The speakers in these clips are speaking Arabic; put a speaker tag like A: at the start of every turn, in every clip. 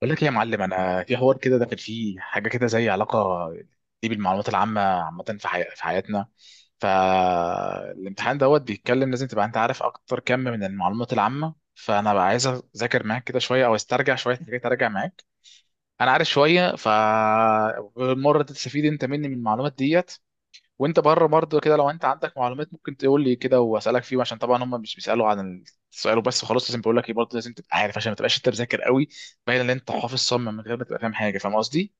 A: بقول لك ايه يا معلم، انا في حوار كده داخل فيه حاجه كده زي علاقه دي بالمعلومات العامه. عامه في في حياتنا. فالامتحان دوت بيتكلم، لازم تبقى انت عارف اكتر كم من المعلومات العامه. فانا بقى عايز اذاكر معاك كده شويه او استرجع شويه حاجات، ارجع معاك. انا عارف شويه. بالمره تستفيد انت مني من المعلومات ديت. وانت بره برضه كده، لو انت عندك معلومات ممكن تقول لي كده واسالك فيهم، عشان طبعا هم مش بيسالوا عن السؤال وبس خلاص. لازم بقول لك ايه برضه، لازم تبقى عارف عشان ما تبقاش انت مذاكر قوي، باين ان انت حافظ صم من غير ما تبقى فاهم حاجه. فاهم قصدي؟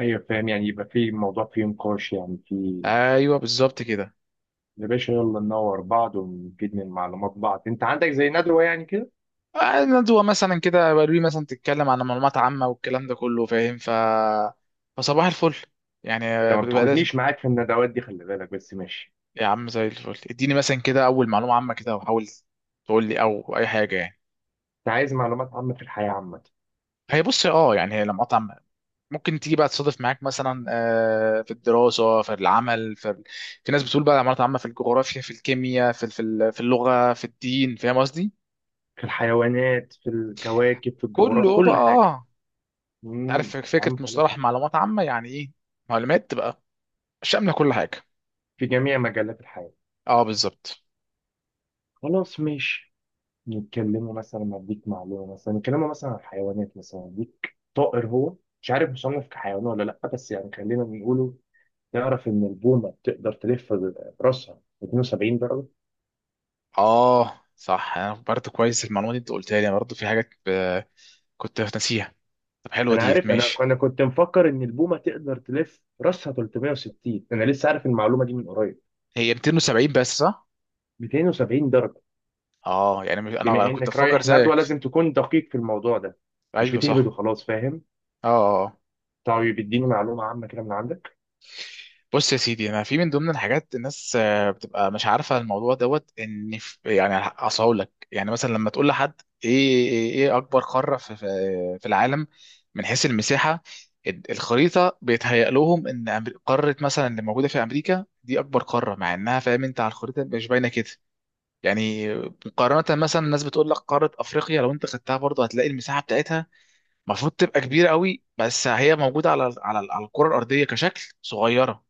B: ايوه، فاهم. يعني يبقى في الموضوع فيه نقاش، يعني في.
A: ايوه بالظبط كده.
B: يا باشا يلا ننور بعض ونفيد من معلومات بعض، انت عندك زي ندوه يعني كده؟
A: ندوه مثلا كده بروي، مثلا تتكلم عن معلومات عامه والكلام ده كله. فاهم. فصباح الفل.
B: انت
A: يعني
B: ما
A: بيبقى لازم.
B: بتاخدنيش معاك في الندوات دي، خلي بالك، بس ماشي.
A: يا عم زي الفل، اديني مثلا كده اول معلومه عامه كده، وحاول تقول لي او اي حاجه يعني.
B: انت عايز معلومات عامه في الحياه عامه؟
A: هي بص، اه، يعني هي لما قطع ممكن تيجي بقى تصادف معاك مثلا في الدراسة، في العمل، في ناس بتقول بقى عملت عامة في الجغرافيا، في الكيمياء، في اللغة، في الدين. فاهم قصدي؟
B: في الحيوانات، في الكواكب، في الجغرافيا،
A: كله بقى
B: كل حاجه.
A: آه. عارف
B: يا
A: فكرة
B: عم
A: مصطلح
B: خلاص.
A: معلومات عامة يعني ايه؟ معلومات تبقى شاملة كل حاجة.
B: في جميع مجالات الحياه.
A: اه بالظبط.
B: خلاص ماشي. نتكلموا مثلا، اديك معلومه، مثلا نتكلموا مثلا عن الحيوانات، مثلا اديك طائر، هو مش عارف مصنف كحيوان ولا لا، بس يعني خلينا نقوله. تعرف إن البومة تقدر تلف راسها 72 درجة؟
A: اه صح، انا برضه كويس المعلومة دي انت قلتها لي، أنا برضه في حاجات كنت ناسيها. طب حلوة
B: أنا
A: ديت،
B: عارف. أنا
A: ماشي.
B: أنا كنت مفكر إن البومة تقدر تلف راسها 360، أنا لسه عارف المعلومة دي من قريب.
A: هي 270 بس، صح؟
B: 270 درجة.
A: اه يعني
B: بما
A: انا كنت
B: إنك
A: بفكر
B: رايح ندوة
A: زيك.
B: لازم تكون دقيق في الموضوع ده، مش
A: ايوه
B: بتهبد
A: صح.
B: وخلاص، فاهم.
A: اه آه، آه.
B: طيب اديني معلومة عامة كده من عندك.
A: بص يا سيدي، انا في من ضمن الحاجات، الناس بتبقى مش عارفه الموضوع دوت، ان في يعني، اصل هقول لك، يعني مثلا لما تقول لحد ايه ايه إيه اكبر قاره في العالم من حيث المساحه، الخريطه بيتهيأ لهم ان قاره مثلا اللي موجوده في امريكا دي اكبر قاره، مع انها فاهم انت على الخريطه مش باينه كده يعني. مقارنه مثلا، الناس بتقول لك قاره افريقيا، لو انت خدتها برضه هتلاقي المساحه بتاعتها المفروض تبقى كبيره قوي، بس هي موجوده على الكره الارضيه كشكل صغيره.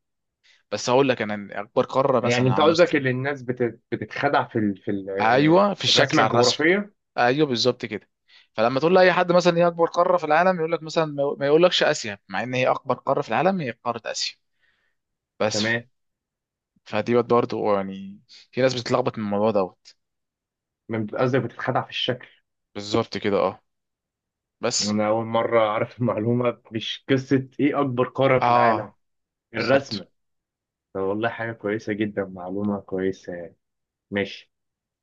A: بس هقول لك انا إن اكبر قاره
B: يعني
A: مثلا
B: أنت
A: على
B: قصدك
A: مستوى.
B: إن الناس بتتخدع في
A: ايوه في الشكل
B: الرسمة
A: على الرسم.
B: الجغرافية.
A: ايوه بالظبط كده. فلما تقول لاي حد مثلا ايه اكبر قاره في العالم، يقول لك مثلا ما يقولكش اسيا، مع ان هي اكبر قاره في العالم، هي قاره اسيا. بس
B: تمام.
A: فدي برضه يعني، في ناس بتتلخبط من الموضوع دوت.
B: قصدك بتتخدع في الشكل.
A: بالظبط كده، اه. بس.
B: أنا أول مرة أعرف المعلومة، مش قصة إيه أكبر قارة في العالم،
A: اه بالظبط.
B: الرسمة. طب والله حاجة كويسة جدا، معلومة كويسة. ماشي.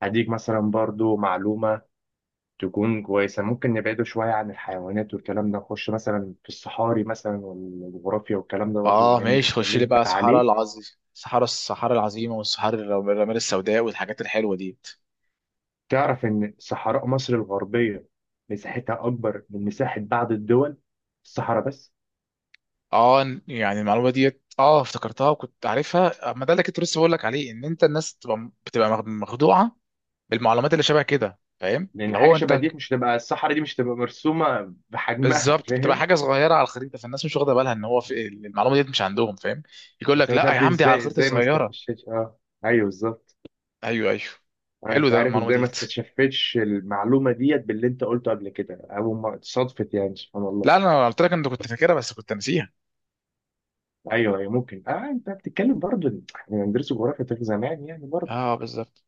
B: هديك مثلا برضو معلومة تكون كويسة. ممكن نبعده شوية عن الحيوانات والكلام ده، نخش مثلا في الصحاري مثلا والجغرافيا والكلام ده برضو،
A: اه
B: بما إنك
A: ماشي، خش لي
B: اتكلمت
A: بقى صحراء
B: عليه.
A: العظيم، صحراء، الصحراء العظيمه، والصحراء الرمال السوداء والحاجات الحلوه دي.
B: تعرف إن صحراء مصر الغربية مساحتها أكبر من مساحة بعض الدول، في الصحراء بس.
A: اه إن- يعني المعلومه ديت اه افتكرتها وكنت عارفها، ما ده اللي كنت لسه بقول لك عليه، ان انت الناس بتبقى بتبقى مخدوعه بالمعلومات اللي شبه كده. فاهم
B: لأن
A: اللي
B: حاجة
A: هو انت.
B: شبه دي، مش تبقى الصحراء دي مش تبقى مرسومة بحجمها،
A: بالظبط، بتبقى
B: فاهم.
A: حاجه صغيره على الخريطه، فالناس مش واخده بالها ان هو في المعلومه ديت مش عندهم. فاهم. يقول
B: بس
A: لك
B: أنا مش
A: لا يا
B: عارف إيه،
A: عم دي على
B: إزاي
A: الخريطه
B: إزاي ما
A: صغيره.
B: استفشتش أيوه بالظبط.
A: ايوه ايوه.
B: انا
A: حلو
B: مش
A: ده
B: عارف
A: المعلومه
B: ازاي ما
A: ديت.
B: استشفتش المعلومه ديت باللي انت قلته قبل كده او ما اتصادفت، يعني سبحان الله.
A: لا انا قلت لك انت كنت فاكرها بس كنت ناسيها.
B: ايوه ايوه ممكن اه. انت بتتكلم برضو، احنا بندرس جغرافيا في زمان يعني برضو.
A: اه بالظبط.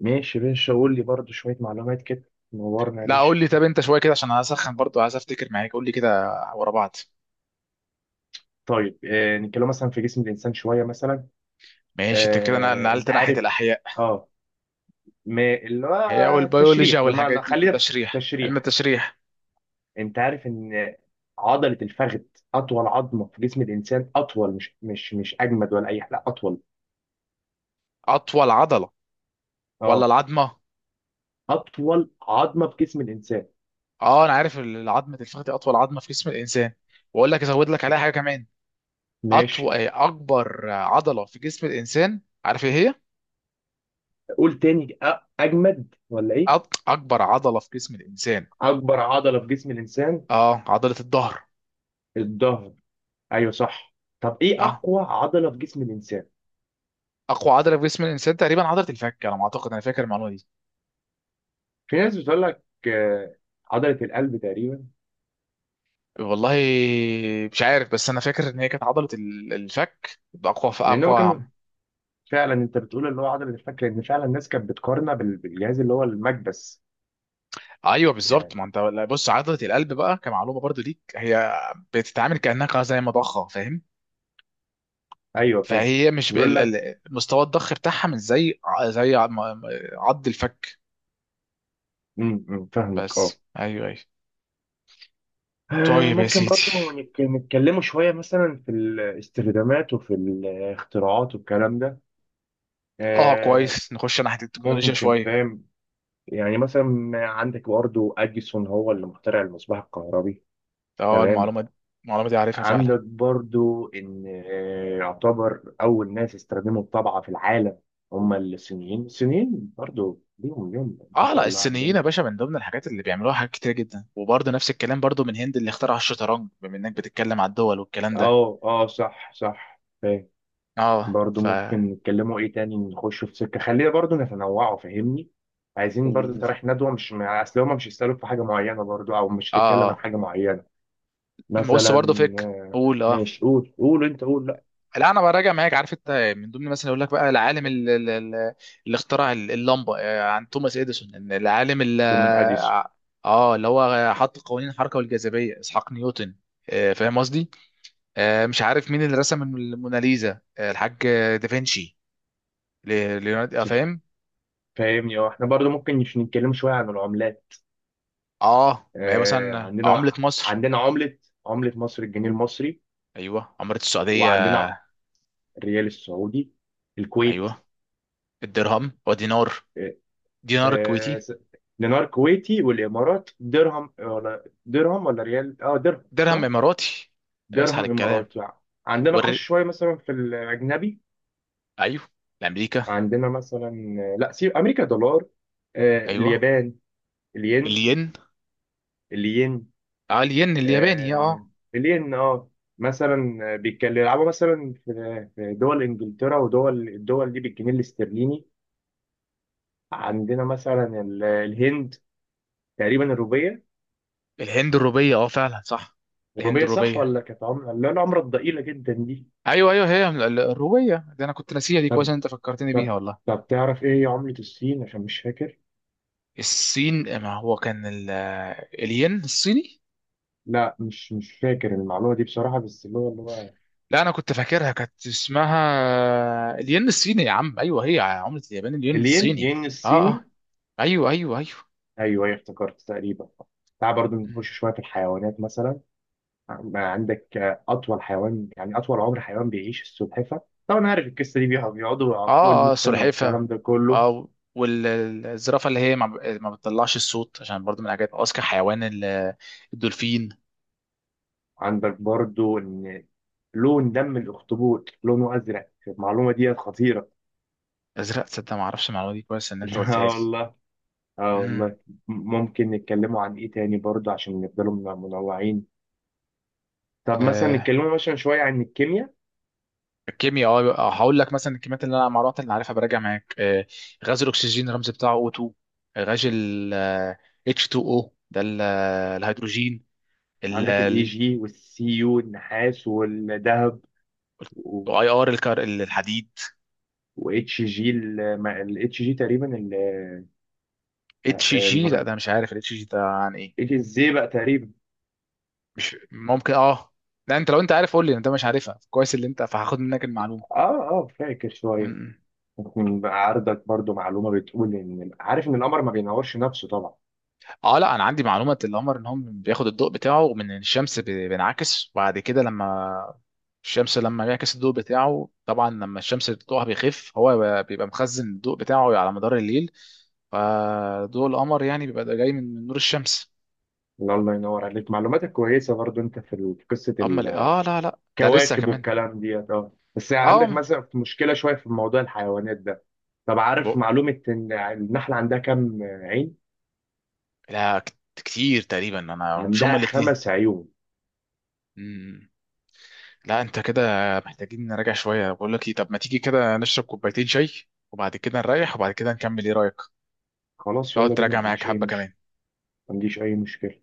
B: ماشي يا باشا، قول لي برضو شويه معلومات كده، نورنا يا
A: لا قول
B: باشا.
A: لي، طب انت شويه كده عشان هسخن برضو، عايز افتكر معاك. قول لي كده ورا بعض.
B: طيب آه، نتكلم مثلا في جسم الانسان شويه مثلا.
A: ماشي. انت كده انا
B: آه، انت
A: نقلت ناحيه
B: عارف.
A: الاحياء.
B: اه، ما اللي هو
A: هي والبيولوجيا
B: التشريح،
A: والحاجات
B: بمعنى
A: دي،
B: خلينا في
A: وتشريح، علم
B: التشريح.
A: التشريح.
B: انت عارف ان عضله الفخذ اطول عظمه في جسم الانسان، اطول، مش اجمد ولا اي حاجه، لا اطول.
A: اطول عضله ولا
B: اه،
A: العظمه؟
B: اطول عظمه في جسم الانسان.
A: اه انا عارف العظمه الفخذ دي اطول عظمه في جسم الانسان، واقول لك ازود لك عليها حاجه كمان.
B: ماشي.
A: اطول، اكبر عضله في جسم الانسان عارف ايه هي؟
B: قول تاني، اجمد ولا ايه؟
A: اكبر عضله في جسم الانسان.
B: اكبر عضله في جسم الانسان؟
A: اه عضله الظهر.
B: الظهر. ايوه صح. طب ايه
A: اه
B: اقوى عضله في جسم الانسان؟
A: اقوى عضله في جسم الانسان تقريبا عضله الفك، على ما اعتقد. انا فاكر المعلومه دي.
B: في ناس بتقول لك آه، عضله القلب تقريبا.
A: والله مش عارف، بس انا فاكر ان هي كانت عضله الفك. اقوى
B: لان هو
A: اقوى
B: كان فعلا، انت بتقول اللي هو عضله الفك، لان فعلا الناس كانت بتقارنها بالجهاز اللي هو المكبس
A: ايوه بالظبط.
B: يعني.
A: ما انت لا، بص عضله القلب بقى كمعلومه برضو ليك، هي بتتعامل كانها زي مضخه. فاهم.
B: ايوه فاهم.
A: فهي مش
B: بيقول لك
A: مستوى الضخ بتاعها مش زي م- عض الفك.
B: أمم، فاهمك اه.
A: بس ايوه ايوه.
B: آه،
A: طيب يا
B: ممكن
A: سيدي.
B: برضو نتكلموا شوية مثلا في الاستخدامات وفي الاختراعات والكلام ده.
A: اه
B: آه،
A: كويس، نخش ناحيه التكنولوجيا
B: ممكن
A: شويه.
B: فاهم. يعني مثلا عندك برضو أديسون هو اللي مخترع المصباح الكهربي.
A: اه
B: تمام.
A: المعلومه دي، المعلومه دي عارفها فعلا.
B: عندك برضو إن آه، يعتبر أول ناس استخدموا الطبعة في العالم هم الصينيين. الصينيين برضو ليهم ليهم ما
A: اه
B: شاء
A: لا،
B: الله
A: الصينيين يا
B: عندهم.
A: باشا، من ضمن الحاجات اللي بيعملوها حاجات كتير جدا. وبرضه نفس الكلام برضه من هند اللي اخترع الشطرنج، بما انك بتتكلم على الدول والكلام ده.
B: اه اه صح صح فاهم.
A: اه.
B: برضو
A: ف
B: ممكن نتكلموا ايه تاني، نخشوا في سكه، خلينا برضو نتنوعوا فاهمني. عايزين برضو،
A: اه
B: انت رايح ندوه، مش اصل هما مش يسالوك في حاجه معينه برضو، او مش هتتكلم عن
A: اه
B: حاجه معينه
A: بص
B: مثلا.
A: برضه، فكر.
B: آه،
A: قول اه.
B: ماشي. قول انت قول، لا
A: لا انا براجع معاك. عارف انت، من ضمن مثلا اقول لك بقى، العالم اللي اخترع اللمبه، عن توماس اديسون. إن العالم
B: تو من اديسون.
A: اه اللي هو حط قوانين الحركه والجاذبيه اسحاق نيوتن. فاهم قصدي. مش عارف مين اللي رسم الموناليزا، الحاج دافنشي، ليوناردو. فاهم.
B: فاهمني اه. احنا برضو ممكن نتكلم شويه عن العملات.
A: اه، ما هي
B: آه،
A: مثلا عمله
B: عندنا،
A: مصر.
B: عمله مصر الجنيه المصري.
A: ايوه، عمله السعوديه.
B: وعندنا الريال السعودي. الكويت،
A: ايوه، الدرهم ودينار. دينار
B: آه،
A: كويتي.
B: دينار كويتي. والامارات درهم ولا درهم ولا ريال، اه درهم
A: درهم
B: صح.
A: اماراتي. اسحل
B: درهم
A: الكلام.
B: اماراتي يعني. عندنا نخش شويه مثلا في الاجنبي.
A: ايوه الامريكا.
B: عندنا مثلا آه، لا سيب امريكا دولار. آه،
A: ايوه
B: اليابان الين.
A: الين.
B: الين.
A: اه الين الياباني. اه
B: آه،
A: آه.
B: الين اه. مثلا آه، بيتكلم يلعبوا مثلا في دول انجلترا ودول الدول دي بالجنيه الاسترليني. عندنا مثلا الهند، تقريبا الروبيه.
A: الهند الروبيه، اه فعلا صح. الهند
B: الروبيه صح
A: الروبيه.
B: ولا كانت عمله اللي هي العمله الضئيله جدا دي؟
A: ايوه ايوه، هي الروبيه ده انا كنت ناسيها دي. كويس
B: طب
A: إن انت فكرتني بيها
B: طب
A: والله.
B: طب تعرف ايه هي عملة الصين عشان مش فاكر؟
A: الصين ما هو كان الين الصيني.
B: لا مش فاكر المعلومة دي بصراحة، بس اللي هو
A: لا انا كنت فاكرها كانت اسمها الين الصيني يا عم. ايوه هي عمله اليابان الين
B: الين،
A: الصيني.
B: ين
A: اه
B: الصيني.
A: اه. ايوه ايوه.
B: ايوه ايوه افتكرت تقريبا. تعال برضه
A: ايوه.
B: نخش شوية في الحيوانات مثلا. ما عندك آه، أطول حيوان يعني أطول عمر حيوان بيعيش السلحفة، طبعا عارف القصة دي، بيقعدوا فوق ال
A: اه اه
B: 100 سنة
A: سلحفة.
B: والكلام ده كله.
A: اه. والزرافة اللي هي ما بتطلعش الصوت، عشان برضو من الحاجات. اذكى حيوان الدولفين.
B: عندك برضه إن لون دم الأخطبوط لونه أزرق، المعلومة دي خطيرة.
A: ازرق؟ تصدق ما اعرفش المعلومة دي. كويس ان انت
B: لا
A: قلتها لي.
B: والله. اه
A: امم.
B: والله. ممكن نتكلموا عن ايه تاني برضه عشان نفضلوا منوعين. طب مثلا
A: آه
B: نتكلموا مثلا شوية عن الكيمياء.
A: الكيمياء، اه. هقول لك مثلا الكميات اللي انا، المعلومات اللي عارفها براجع معاك آه. غاز الاكسجين الرمز بتاعه O2. غاز ال H2O ده الهيدروجين ال
B: عندك الاي
A: ال-
B: جي والسي يو، النحاس والذهب.
A: اي ار الكار الحديد.
B: واتش جي، الاتش جي تقريبا
A: اتش جي، لا ده مش عارف الاتش جي ده عن ايه.
B: الزي بقى تقريبا.
A: مش ممكن، اه. لا، انت لو انت عارف قول لي، انت مش عارفها كويس اللي انت فهاخد منك المعلومه.
B: اه اه فاكر
A: م-
B: شوية.
A: م.
B: ممكن بقى عرضك برضه معلومة بتقول، ان عارف ان القمر ما بينورش نفسه طبعا.
A: اه لا انا عندي معلومه القمر ان هو بياخد الضوء بتاعه من الشمس، بينعكس. وبعد كده لما الشمس لما بيعكس الضوء بتاعه طبعا، لما الشمس ضوءها بيخف، هو بيبقى مخزن الضوء بتاعه على مدار الليل. فضوء القمر يعني بيبقى ده جاي من نور الشمس.
B: لا، الله ينور عليك، معلوماتك كويسة برضه. انت في في قصة
A: اما اه لا لا، ده لسه
B: كواكب
A: كمان.
B: والكلام ديت اه، بس عندك
A: اه
B: مثلا في مشكله شويه في موضوع الحيوانات ده. طب عارف
A: ب-
B: معلومه ان النحله عندها كام عين؟
A: لا كتير تقريبا. انا مش هما
B: عندها خمس عيون.
A: الاثنين. لا انت كده محتاجين نراجع شويه. بقول لك ايه، طب ما تيجي كده نشرب كوبايتين شاي وبعد كده نريح وبعد كده نكمل، ايه رايك؟
B: خلاص
A: تقعد
B: يلا بينا،
A: تراجع معاك حبه كمان.
B: ما عنديش اي مشكله.